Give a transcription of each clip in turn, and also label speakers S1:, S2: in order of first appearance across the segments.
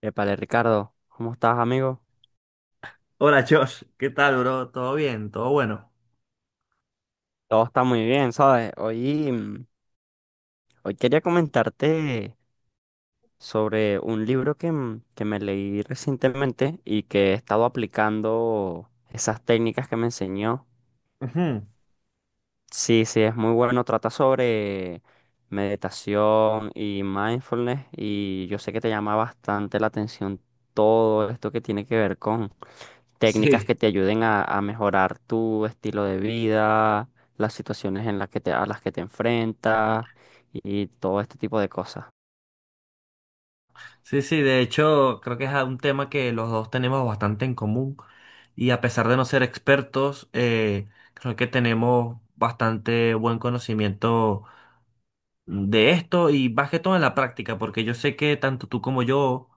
S1: Épale, Ricardo, ¿cómo estás, amigo?
S2: Hola Josh, ¿qué tal, bro? ¿Todo bien? ¿Todo bueno?
S1: Todo está muy bien, ¿sabes? Hoy quería comentarte sobre un libro que me leí recientemente y que he estado aplicando esas técnicas que me enseñó.
S2: Ujú.
S1: Sí, sí, es muy bueno. Trata sobre meditación y mindfulness, y yo sé que te llama bastante la atención todo esto que tiene que ver con técnicas que
S2: Sí,
S1: te ayuden a mejorar tu estilo de vida, las situaciones en las que a las que te enfrentas y todo este tipo de cosas.
S2: sí, de hecho creo que es un tema que los dos tenemos bastante en común y a pesar de no ser expertos, creo que tenemos bastante buen conocimiento de esto y más que todo en la práctica, porque yo sé que tanto tú como yo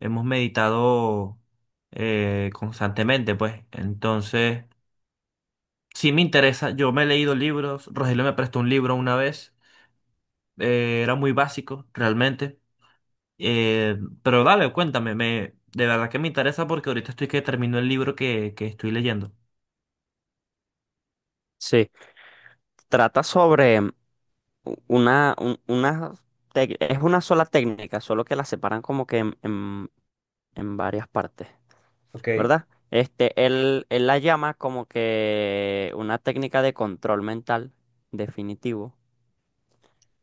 S2: hemos meditado constantemente, pues entonces sí me interesa, yo me he leído libros, Rogelio me prestó un libro una vez. Era muy básico, realmente. Eh, pero dale, cuéntame, de verdad que me interesa porque ahorita estoy que termino el libro que estoy leyendo.
S1: Sí, trata sobre u- una, un- una tec- es una sola técnica, solo que la separan como que en varias partes.
S2: Ok.
S1: ¿Verdad? Este, él la llama como que una técnica de control mental definitivo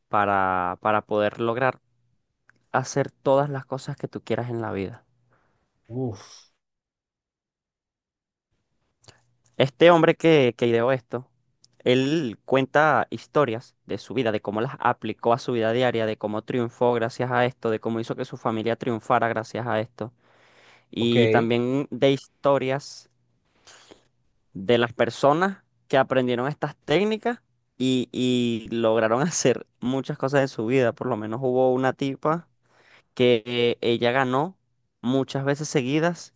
S1: para poder lograr hacer todas las cosas que tú quieras en la vida. Este hombre que ideó esto, él cuenta historias de su vida, de cómo las aplicó a su vida diaria, de cómo triunfó gracias a esto, de cómo hizo que su familia triunfara gracias a esto, y
S2: Ok.
S1: también de historias de las personas que aprendieron estas técnicas y lograron hacer muchas cosas en su vida. Por lo menos hubo una tipa que ella ganó muchas veces seguidas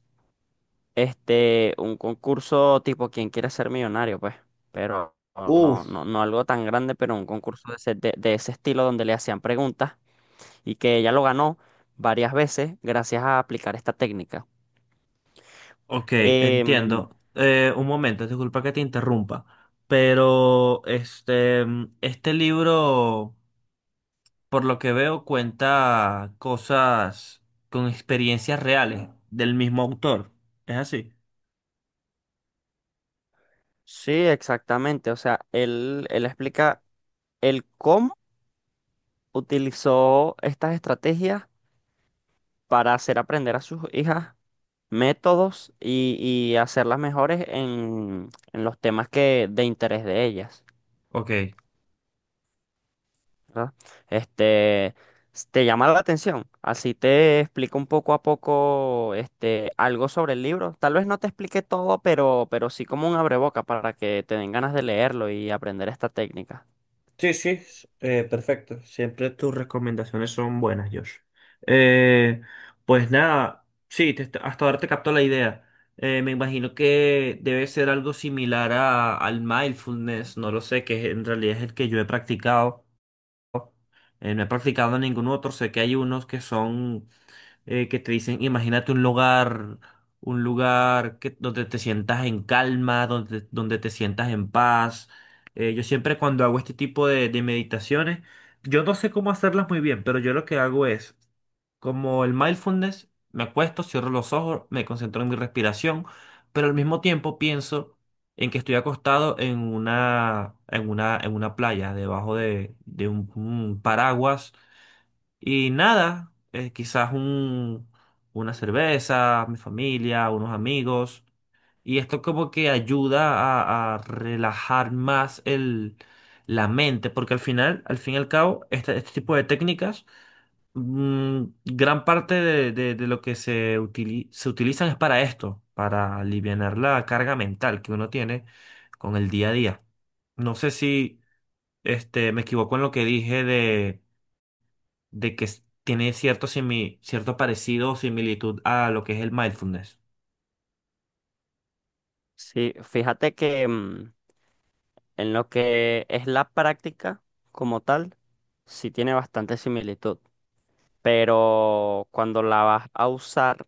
S1: este, un concurso tipo ¿Quién quiere ser millonario? Pues, pero no,
S2: Uf.
S1: no, no algo tan grande, pero un concurso de ese, de ese estilo donde le hacían preguntas y que ella lo ganó varias veces gracias a aplicar esta técnica.
S2: Ok,
S1: Em,
S2: entiendo. Un momento, disculpa que te interrumpa, pero este libro, por lo que veo, cuenta cosas con experiencias reales del mismo autor. ¿Es así?
S1: sí, exactamente. O sea, él explica el cómo utilizó estas estrategias para hacer aprender a sus hijas métodos y hacerlas mejores en los temas que, de interés de ellas,
S2: Ok.
S1: ¿verdad? Este, te llama la atención, así te explico un poco a poco este, algo sobre el libro. Tal vez no te explique todo, pero sí como un abreboca para que te den ganas de leerlo y aprender esta técnica.
S2: Sí, sí, perfecto. Siempre tus recomendaciones son buenas, Josh. Eh, pues nada, sí, hasta ahora te capto la idea. Me imagino que debe ser algo similar al mindfulness, no lo sé, que en realidad es el que yo he practicado. No he practicado ningún otro, sé que hay unos que son que te dicen, imagínate un lugar donde te sientas en calma, donde te sientas en paz. Yo siempre cuando hago este tipo de meditaciones, yo no sé cómo hacerlas muy bien, pero yo lo que hago es, como el mindfulness, me acuesto, cierro los ojos, me concentro en mi respiración, pero al mismo tiempo pienso en que estoy acostado en una playa, debajo de un paraguas y nada, quizás un, una cerveza, mi familia, unos amigos. Y esto como que ayuda a relajar más la mente, porque al final, al fin y al cabo, este tipo de técnicas, gran parte de lo que se utilizan es para esto, para alivianar la carga mental que uno tiene con el día a día. No sé si me equivoco en lo que dije de que tiene cierto parecido o similitud a lo que es el mindfulness.
S1: Sí, fíjate que, en lo que es la práctica como tal, sí tiene bastante similitud, pero cuando la vas a usar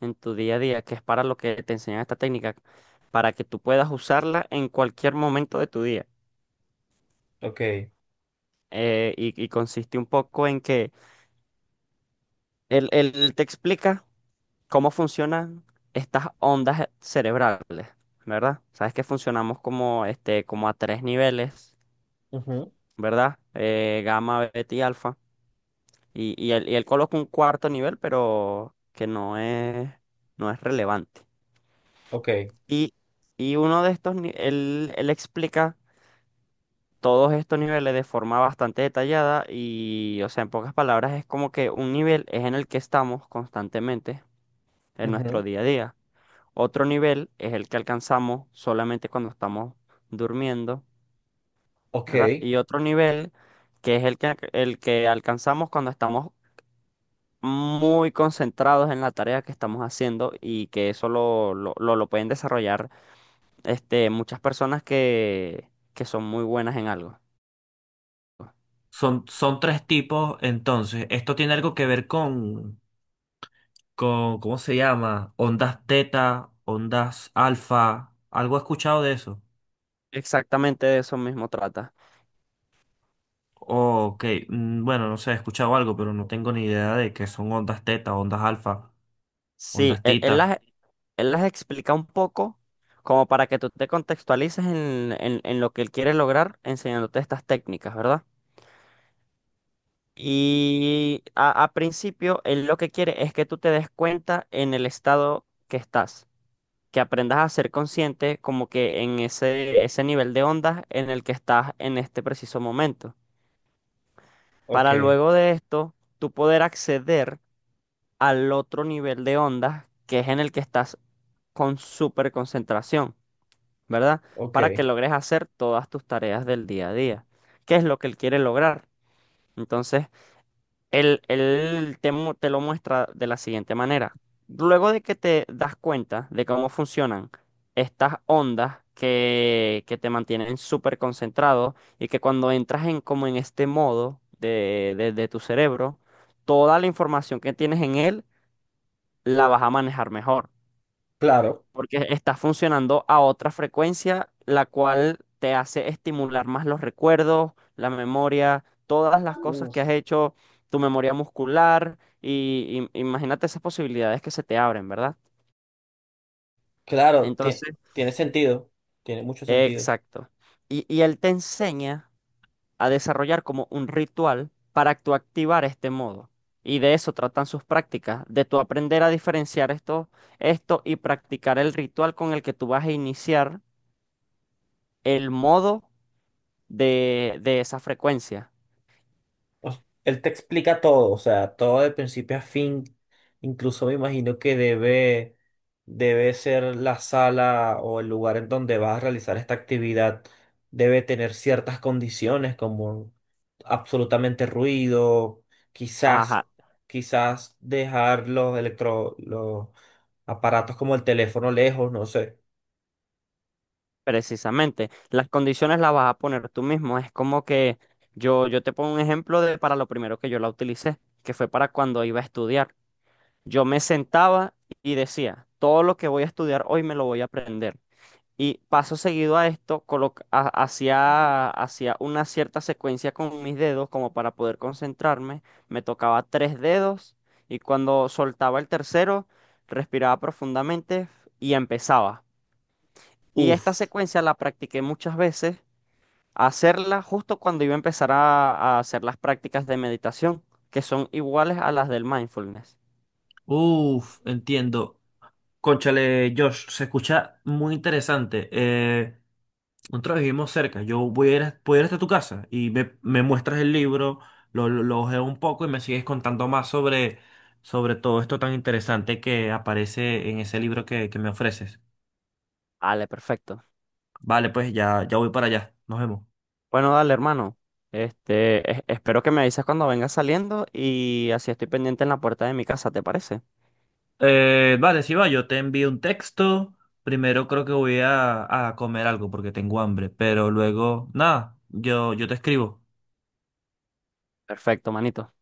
S1: en tu día a día, que es para lo que te enseñan esta técnica, para que tú puedas usarla en cualquier momento de tu día.
S2: Ok,
S1: Y, y consiste un poco en que él te explica cómo funcionan estas ondas cerebrales, ¿verdad? Sabes que funcionamos como, este, como a tres niveles,
S2: ujú,
S1: ¿verdad? Gamma, beta y alfa. Y él coloca un cuarto nivel, pero que no es, no es relevante.
S2: ok,
S1: Y, y uno de estos, él, él explica todos estos niveles de forma bastante detallada y, o sea, en pocas palabras, es como que un nivel es en el que estamos constantemente en nuestro
S2: ujú,
S1: día a día. Otro nivel es el que alcanzamos solamente cuando estamos durmiendo,
S2: ok.
S1: ¿verdad? Y otro nivel que es el que alcanzamos cuando estamos muy concentrados en la tarea que estamos haciendo y que eso lo pueden desarrollar este, muchas personas que son muy buenas en algo.
S2: Son, son tres tipos, entonces, esto tiene algo que ver con, ¿cómo se llama? Ondas teta, ondas alfa, algo he escuchado de eso.
S1: Exactamente de eso mismo trata.
S2: Ok, mm, bueno, no sé, he escuchado algo, pero no tengo ni idea de qué son ondas teta, ondas alfa,
S1: Sí,
S2: ondas
S1: él, él
S2: tita.
S1: las, él las explica un poco como para que tú te contextualices en lo que él quiere lograr enseñándote estas técnicas, ¿verdad? Y a principio, él lo que quiere es que tú te des cuenta en el estado que estás, que aprendas a ser consciente como que en ese, ese nivel de ondas en el que estás en este preciso momento.
S2: Ok,
S1: Para luego de esto, tú poder acceder al otro nivel de ondas que es en el que estás con súper concentración, ¿verdad?
S2: ok,
S1: Para que logres hacer todas tus tareas del día a día. ¿Qué es lo que él quiere lograr? Entonces, él, él te lo muestra de la siguiente manera. Luego de que te das cuenta de cómo funcionan estas ondas que te mantienen súper concentrado y que cuando entras en como en este modo de, de tu cerebro, toda la información que tienes en él la vas a manejar mejor
S2: claro.
S1: porque está funcionando a otra frecuencia, la cual te hace estimular más los recuerdos, la memoria, todas las cosas que has hecho, tu memoria muscular, y imagínate esas posibilidades que se te abren, ¿verdad?
S2: Claro,
S1: Entonces,
S2: tiene sentido, tiene mucho sentido.
S1: exacto. Y él te enseña a desarrollar como un ritual para tú activar este modo. Y de eso tratan sus prácticas, de tú aprender a diferenciar esto, esto y practicar el ritual con el que tú vas a iniciar el modo de esa frecuencia.
S2: Él te explica todo, o sea, todo de principio a fin. Incluso me imagino que debe ser la sala o el lugar en donde vas a realizar esta actividad. Debe tener ciertas condiciones como absolutamente ruido, quizás,
S1: Ajá,
S2: quizás dejar los aparatos como el teléfono lejos, no sé.
S1: precisamente. Las condiciones las vas a poner tú mismo. Es como que yo te pongo un ejemplo de para lo primero que yo la utilicé, que fue para cuando iba a estudiar. Yo me sentaba y decía, todo lo que voy a estudiar hoy me lo voy a aprender. Y paso seguido a esto, hacía, hacía una cierta secuencia con mis dedos como para poder concentrarme. Me tocaba 3 dedos y cuando soltaba el tercero, respiraba profundamente y empezaba. Y esta
S2: Uf,
S1: secuencia la practiqué muchas veces, hacerla justo cuando iba a empezar a hacer las prácticas de meditación, que son iguales a las del mindfulness.
S2: uf, entiendo. Cónchale, Josh, se escucha muy interesante. Nosotros vivimos cerca. Yo voy a ir, a- Voy a ir hasta tu casa y me muestras el libro, lo ojeo un poco y me sigues contando más sobre todo esto tan interesante que aparece en ese libro que me ofreces.
S1: Vale, perfecto.
S2: Vale, pues ya, ya voy para allá. Nos vemos. Bueno, dale, hermano. Espero que me avises cuando vengas saliendo y así estoy pendiente en la puerta de mi casa, ¿te parece?
S1: Vale, si va, yo te envío un texto. Primero creo que voy a comer algo porque tengo hambre, pero luego, nada, yo te escribo.
S2: Perfecto, manito.